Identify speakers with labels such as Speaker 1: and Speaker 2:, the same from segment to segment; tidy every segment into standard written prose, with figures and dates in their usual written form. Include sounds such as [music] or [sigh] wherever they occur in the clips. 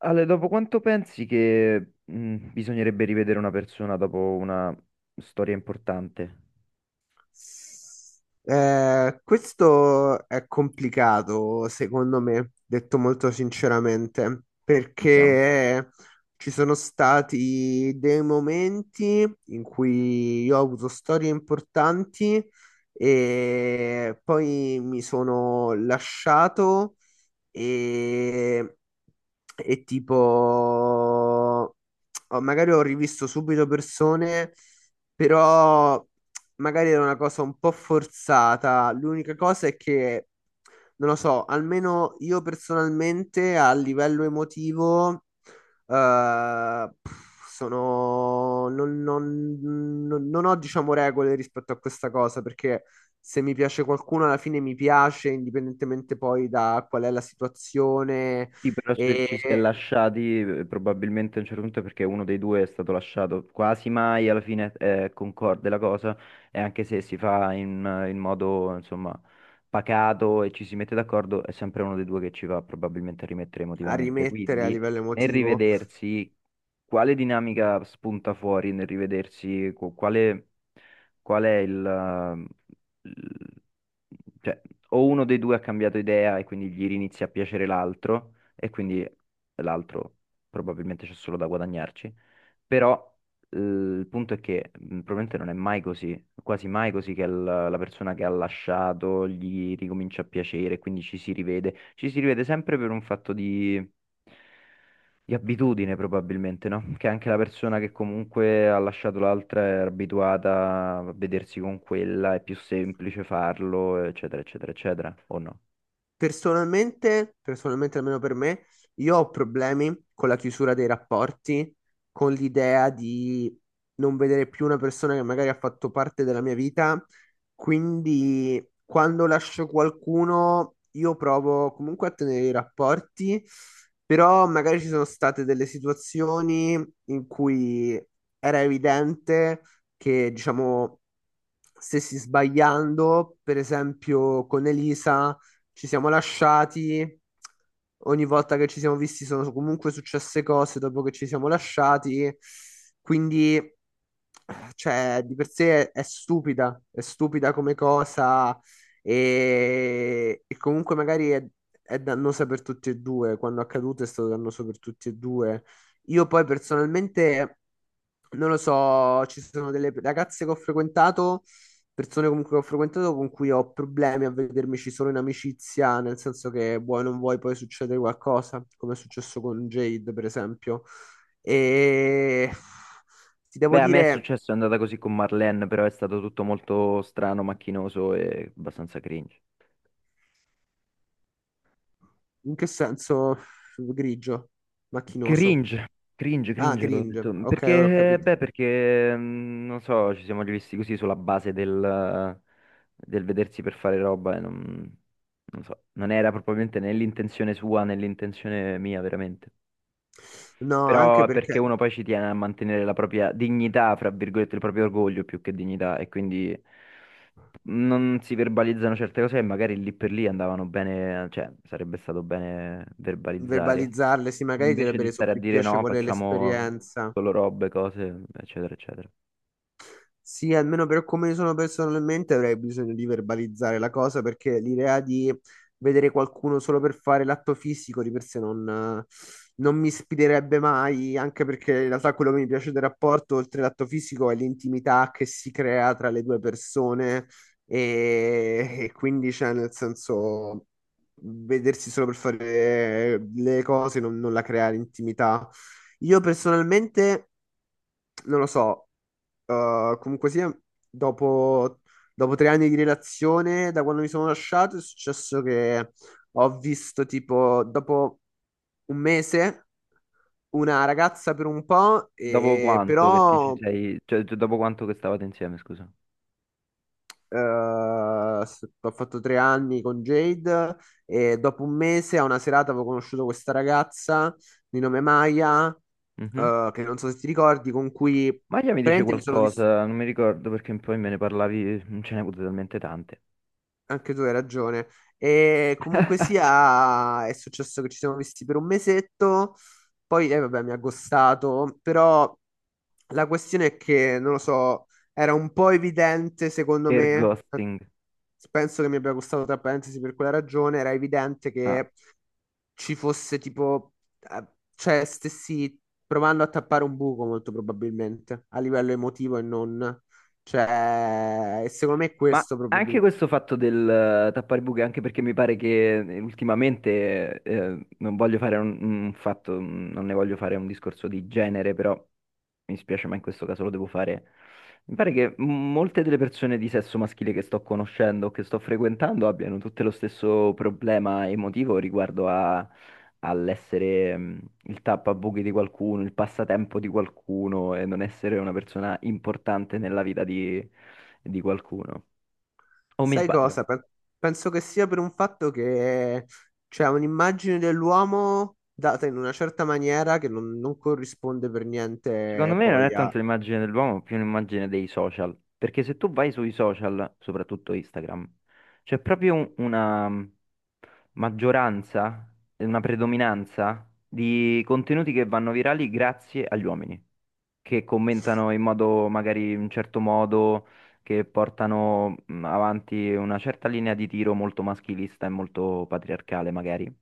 Speaker 1: Ale, dopo quanto pensi che bisognerebbe rivedere una persona dopo una storia importante?
Speaker 2: Questo è complicato, secondo me, detto molto sinceramente,
Speaker 1: Sentiamo.
Speaker 2: perché ci sono stati dei momenti in cui io ho avuto storie importanti e poi mi sono lasciato e, e tipo, magari ho rivisto subito persone, però magari era una cosa un po' forzata. L'unica cosa è che, non lo so, almeno io personalmente a livello emotivo, sono, non, non- non- non ho, diciamo, regole rispetto a questa cosa perché se mi piace qualcuno, alla fine mi piace, indipendentemente poi da qual è la situazione
Speaker 1: Sì, però se ci si è
Speaker 2: e
Speaker 1: lasciati, probabilmente a un certo punto è perché uno dei due è stato lasciato. Quasi mai alla fine concorde la cosa, e anche se si fa in modo, insomma, pacato e ci si mette d'accordo, è sempre uno dei due che ci va probabilmente a rimettere
Speaker 2: a
Speaker 1: emotivamente.
Speaker 2: rimettere a
Speaker 1: Quindi,
Speaker 2: livello
Speaker 1: nel
Speaker 2: emotivo.
Speaker 1: rivedersi, quale dinamica spunta fuori nel rivedersi? Quale, qual è il... eh, il- cioè, o uno dei due ha cambiato idea e quindi gli inizia a piacere l'altro e quindi l'altro probabilmente c'è solo da guadagnarci. Però il punto è che probabilmente non è mai così, quasi mai così che la persona che ha lasciato gli ricomincia a piacere, quindi ci si rivede. Ci si rivede sempre per un fatto di abitudine probabilmente, no? Che anche la persona che comunque ha lasciato l'altra è abituata a vedersi con quella, è più semplice farlo, eccetera, eccetera, eccetera, o no?
Speaker 2: Personalmente, almeno per me, io ho problemi con la chiusura dei rapporti, con l'idea di non vedere più una persona che magari ha fatto parte della mia vita, quindi quando lascio qualcuno io provo comunque a tenere i rapporti, però magari ci sono state delle situazioni in cui era evidente che, diciamo, stessi sbagliando, per esempio con Elisa ci siamo lasciati. Ogni volta che ci siamo visti sono comunque successe cose dopo che ci siamo lasciati. Quindi, cioè, di per sé è stupida come cosa e comunque è dannosa per tutti e due. Quando è accaduto è stato dannoso per tutti e due. Io poi personalmente, non lo so, ci sono delle ragazze che ho frequentato persone comunque che ho frequentato con cui ho problemi a vedermici solo in amicizia, nel senso che vuoi o non vuoi poi succedere qualcosa, come è successo con Jade, per esempio. E ti devo
Speaker 1: Beh, a me è
Speaker 2: dire
Speaker 1: successo, è andata così con Marlene, però è stato tutto molto strano, macchinoso e abbastanza cringe.
Speaker 2: in che senso grigio, macchinoso.
Speaker 1: Cringe, cringe,
Speaker 2: Ah,
Speaker 1: cringe, ho
Speaker 2: cringe.
Speaker 1: detto.
Speaker 2: Ok, ora ho
Speaker 1: Perché,
Speaker 2: capito.
Speaker 1: beh, perché, non so, ci siamo rivisti così sulla base del vedersi per fare roba e non, non so, non era probabilmente né l'intenzione sua né l'intenzione mia, veramente.
Speaker 2: No,
Speaker 1: Però
Speaker 2: anche
Speaker 1: è perché
Speaker 2: perché
Speaker 1: uno poi ci tiene a mantenere la propria dignità, fra virgolette, il proprio orgoglio più che dignità, e quindi... non si verbalizzano certe cose e magari lì per lì andavano bene, cioè sarebbe stato bene verbalizzare,
Speaker 2: verbalizzarle, sì, magari ti
Speaker 1: invece
Speaker 2: avrebbe
Speaker 1: di
Speaker 2: reso
Speaker 1: stare a
Speaker 2: più
Speaker 1: dire no,
Speaker 2: piacevole
Speaker 1: facciamo
Speaker 2: l'esperienza.
Speaker 1: solo robe, cose, eccetera, eccetera.
Speaker 2: Sì, almeno per come sono personalmente avrei bisogno di verbalizzare la cosa perché l'idea di vedere qualcuno solo per fare l'atto fisico di per sé non mi ispirerebbe mai, anche perché in realtà quello che mi piace del rapporto, oltre l'atto fisico, è l'intimità che si crea tra le due persone e quindi cioè, nel senso vedersi solo per fare le cose non la crea l'intimità. Io personalmente non lo so, comunque sia, dopo, dopo 3 anni di relazione, da quando mi sono lasciato, è successo che ho visto tipo, dopo 1 mese, una ragazza per un po',
Speaker 1: Dopo quanto che ti ci
Speaker 2: però
Speaker 1: sei, cioè, dopo quanto che stavate insieme, scusa.
Speaker 2: ho fatto 3 anni con Jade e dopo 1 mese a una serata avevo conosciuto questa ragazza di nome Maya,
Speaker 1: Mhm.
Speaker 2: che non so se ti ricordi, con cui
Speaker 1: Maglia mi dice
Speaker 2: praticamente mi sono visto...
Speaker 1: qualcosa, non mi ricordo perché poi me ne parlavi, ce ne avute talmente tante.
Speaker 2: Anche tu hai ragione. E comunque sia, è successo che ci siamo visti per un mesetto, poi vabbè, mi ha ghostato, però la questione è che, non lo so, era un po' evidente secondo
Speaker 1: Air
Speaker 2: me,
Speaker 1: ghosting.
Speaker 2: penso che mi abbia gustato tra parentesi per quella ragione, era evidente
Speaker 1: Ah,
Speaker 2: che ci fosse tipo, eh, cioè stessi provando a tappare un buco molto probabilmente, a livello emotivo e non. Cioè, e secondo me è
Speaker 1: ma
Speaker 2: questo proprio.
Speaker 1: anche questo fatto del tappare buche, anche perché mi pare che ultimamente, non voglio fare un fatto, non ne voglio fare un discorso di genere, però mi spiace, ma in questo caso lo devo fare. Mi pare che molte delle persone di sesso maschile che sto conoscendo, o che sto frequentando, abbiano tutte lo stesso problema emotivo riguardo all'essere il tappabuchi di qualcuno, il passatempo di qualcuno e non essere una persona importante nella vita di qualcuno. O mi
Speaker 2: Sai
Speaker 1: sbaglio?
Speaker 2: cosa? Penso che sia per un fatto che c'è un'immagine dell'uomo data in una certa maniera che non corrisponde per
Speaker 1: Secondo
Speaker 2: niente
Speaker 1: me non è
Speaker 2: poi a...
Speaker 1: tanto l'immagine dell'uomo, ma più un'immagine dei social. Perché se tu vai sui social, soprattutto Instagram, c'è proprio una maggioranza, e una predominanza di contenuti che vanno virali grazie agli uomini, che commentano in modo magari in un certo modo, che portano avanti una certa linea di tiro molto maschilista e molto patriarcale, magari.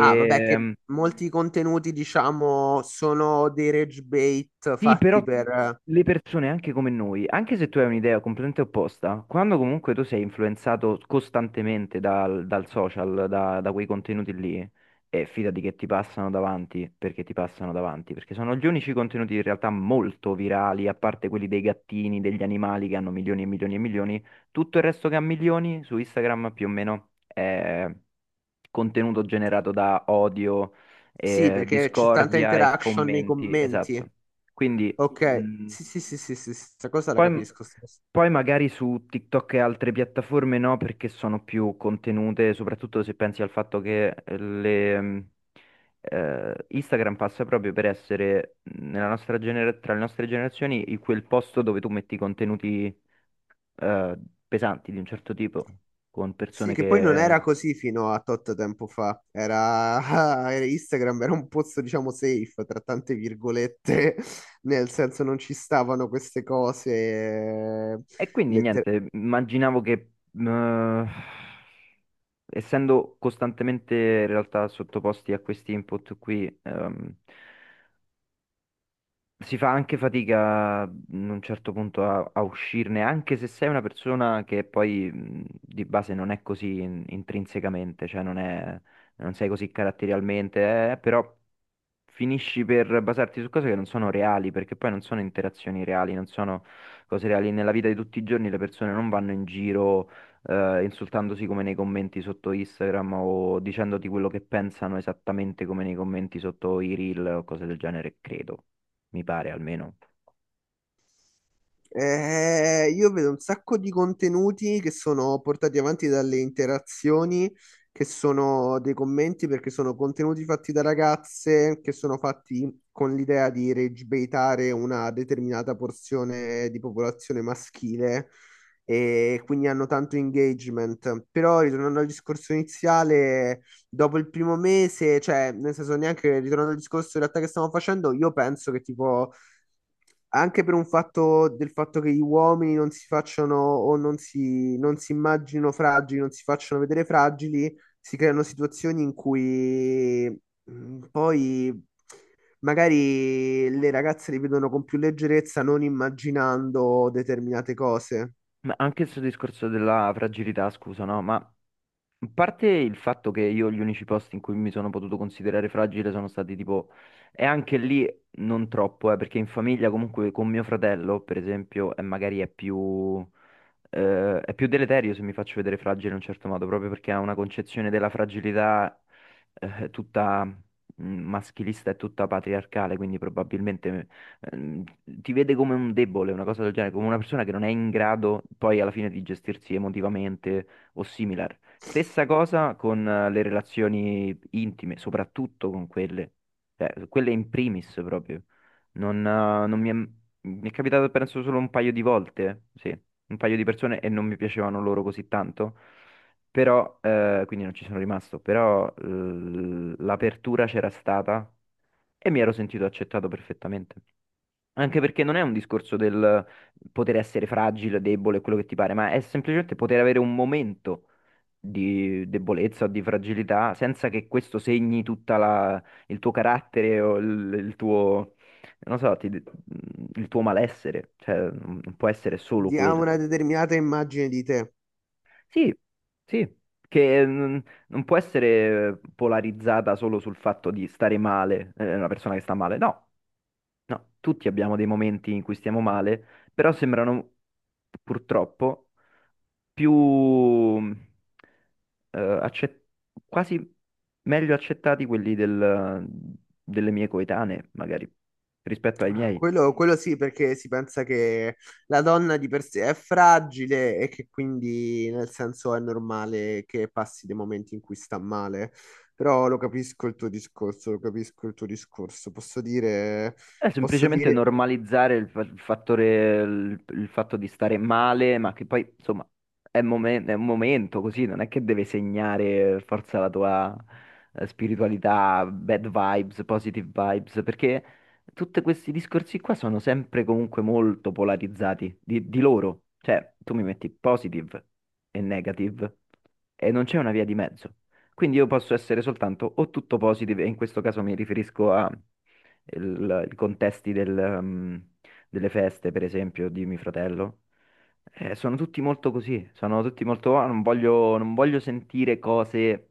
Speaker 2: Ah, vabbè, che molti contenuti, diciamo, sono dei rage bait
Speaker 1: sì, però
Speaker 2: fatti per...
Speaker 1: le persone, anche come noi, anche se tu hai un'idea completamente opposta, quando comunque tu sei influenzato costantemente dal social, da quei contenuti lì, e fidati che ti passano davanti, perché ti passano davanti, perché sono gli unici contenuti in realtà molto virali, a parte quelli dei gattini, degli animali che hanno milioni e milioni e milioni, tutto il resto che ha milioni su Instagram più o meno è contenuto generato da odio,
Speaker 2: Sì, perché c'è tanta
Speaker 1: discordia e
Speaker 2: interaction nei
Speaker 1: commenti, esatto.
Speaker 2: commenti.
Speaker 1: Quindi
Speaker 2: Ok,
Speaker 1: mh,
Speaker 2: sì, sì, sì, sì, sì, questa cosa la
Speaker 1: poi,
Speaker 2: capisco.
Speaker 1: poi magari su TikTok e altre piattaforme no, perché sono più contenute, soprattutto se pensi al fatto che Instagram passa proprio per essere nella nostra tra le nostre generazioni quel posto dove tu metti contenuti eh, pesanti di un certo tipo, con
Speaker 2: Sì,
Speaker 1: persone
Speaker 2: che poi non
Speaker 1: che...
Speaker 2: era così fino a tot tempo fa. Era, [laughs] era Instagram, era un pozzo, diciamo, safe, tra tante virgolette, [laughs] nel senso non ci stavano queste cose.
Speaker 1: E quindi
Speaker 2: Letter-
Speaker 1: niente, immaginavo che... essendo costantemente in realtà sottoposti a questi input qui, si fa anche fatica in un certo punto a uscirne, anche se sei una persona che poi di base non è così intrinsecamente, cioè non è, non sei così caratterialmente, però finisci per basarti su cose che non sono reali, perché poi non sono interazioni reali, non sono cose reali. Nella vita di tutti i giorni le persone non vanno in giro insultandosi come nei commenti sotto Instagram o dicendoti quello che pensano esattamente come nei commenti sotto i reel o cose del genere, credo. Mi pare almeno.
Speaker 2: Io vedo un sacco di contenuti che sono portati avanti dalle interazioni, che sono dei commenti, perché sono contenuti fatti da ragazze, che sono fatti con l'idea di regibeitare una determinata porzione di popolazione maschile e quindi hanno tanto engagement. Però, ritornando al discorso iniziale, dopo il primo mese, cioè, nel senso, neanche ritornando al discorso in realtà che stiamo facendo, io penso che tipo anche per un fatto del fatto che gli uomini non si facciano o non si immaginino fragili, non si facciano vedere fragili, si creano situazioni in cui poi magari le ragazze li vedono con più leggerezza, non immaginando determinate cose.
Speaker 1: Ma anche questo discorso della fragilità, scusa, no? Ma a parte il fatto che io gli unici posti in cui mi sono potuto considerare fragile sono stati tipo, e anche lì non troppo, perché in famiglia comunque con mio fratello, per esempio, è magari è più deleterio se mi faccio vedere fragile in un certo modo, proprio perché ha una concezione della fragilità tutta maschilista e tutta patriarcale, quindi probabilmente ti vede come un debole, una cosa del genere, come una persona che non è in grado poi alla fine di gestirsi emotivamente o similar. Stessa cosa con le relazioni intime, soprattutto con quelle, cioè, quelle in primis proprio. Non, mi è capitato penso solo un paio di volte, sì un paio di persone e non mi piacevano loro così tanto, però, quindi non ci sono rimasto, però l'apertura c'era stata e mi ero sentito accettato perfettamente. Anche perché non è un discorso del poter essere fragile, debole, quello che ti pare, ma è semplicemente poter avere un momento di debolezza o di fragilità senza che questo segni tutta il tuo carattere o il tuo, non so, il tuo malessere. Cioè, non può essere solo
Speaker 2: Ha una
Speaker 1: quello.
Speaker 2: determinata immagine di te.
Speaker 1: Sì, sì, che non può essere polarizzata solo sul fatto di stare male, una persona che sta male. No, no, tutti abbiamo dei momenti in cui stiamo male, però sembrano purtroppo più mm, eh, accet- quasi meglio accettati quelli delle mie coetanee, magari, rispetto ai
Speaker 2: Ah,
Speaker 1: miei.
Speaker 2: quello sì, perché si pensa che la donna di per sé è fragile e che quindi nel senso è normale che passi dei momenti in cui sta male. Però lo capisco il tuo discorso, lo capisco il tuo discorso.
Speaker 1: È
Speaker 2: Posso
Speaker 1: semplicemente
Speaker 2: dire
Speaker 1: normalizzare il fattore, il fatto di stare male, ma che poi, insomma, è, è un momento così, non è che deve segnare forza la tua spiritualità, bad vibes, positive vibes, perché tutti questi discorsi qua sono sempre comunque molto polarizzati di loro. Cioè, tu mi metti positive e negative e non c'è una via di mezzo. Quindi io posso essere soltanto o tutto positive, e in questo caso mi riferisco a i contesti del, delle feste, per esempio, di mio fratello. Sono tutti molto così, sono tutti molto, "Ah, non voglio, non voglio sentire cose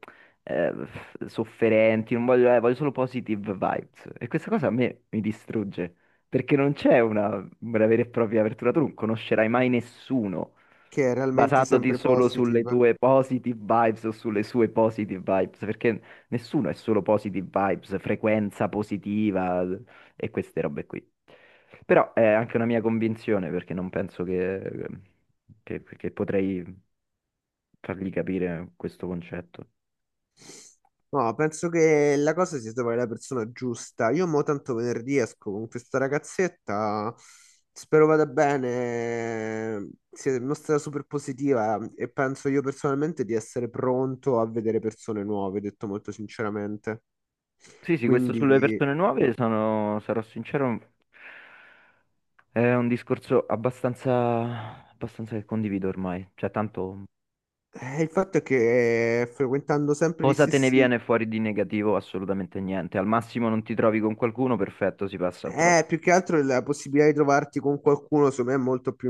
Speaker 1: sofferenti, non voglio, voglio solo positive vibes". E questa cosa a me mi distrugge, perché non c'è una vera e propria apertura, tu non conoscerai mai nessuno
Speaker 2: che è realmente
Speaker 1: basandoti
Speaker 2: sempre
Speaker 1: solo sulle
Speaker 2: positive.
Speaker 1: tue positive vibes o sulle sue positive vibes, perché nessuno è solo positive vibes, frequenza positiva e queste robe qui. Però è anche una mia convinzione perché non penso che potrei fargli capire questo concetto.
Speaker 2: No, penso che la cosa sia trovare la persona giusta. Io mo tanto venerdì esco con questa ragazzetta, spero vada bene, si è mostrata super positiva e penso io personalmente di essere pronto a vedere persone nuove, detto molto sinceramente.
Speaker 1: Sì, sì, questo sulle
Speaker 2: Quindi
Speaker 1: persone nuove sono, sarò sincero, è un discorso abbastanza, abbastanza che condivido ormai. Cioè, tanto
Speaker 2: il fatto è che frequentando sempre gli
Speaker 1: cosa te ne
Speaker 2: stessi...
Speaker 1: viene fuori di negativo? Assolutamente niente. Al massimo non ti trovi con qualcuno, perfetto, si passa al prossimo.
Speaker 2: Più che altro la possibilità di trovarti con qualcuno, secondo me, è molto più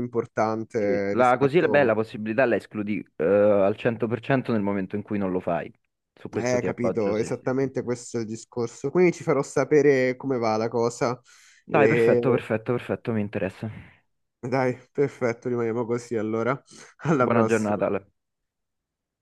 Speaker 1: Sì.
Speaker 2: importante
Speaker 1: La, così è bella
Speaker 2: rispetto...
Speaker 1: possibilità la escludi al 100% nel momento in cui non lo fai. Su questo ti appoggio,
Speaker 2: Capito,
Speaker 1: sì, sì, sì.
Speaker 2: esattamente
Speaker 1: Sì.
Speaker 2: questo è il discorso. Quindi ci farò sapere come va la cosa.
Speaker 1: Dai,
Speaker 2: E...
Speaker 1: perfetto, perfetto, perfetto, mi interessa.
Speaker 2: Dai, perfetto, rimaniamo così allora. [laughs] Alla
Speaker 1: Buona
Speaker 2: prossima.
Speaker 1: giornata, Ale.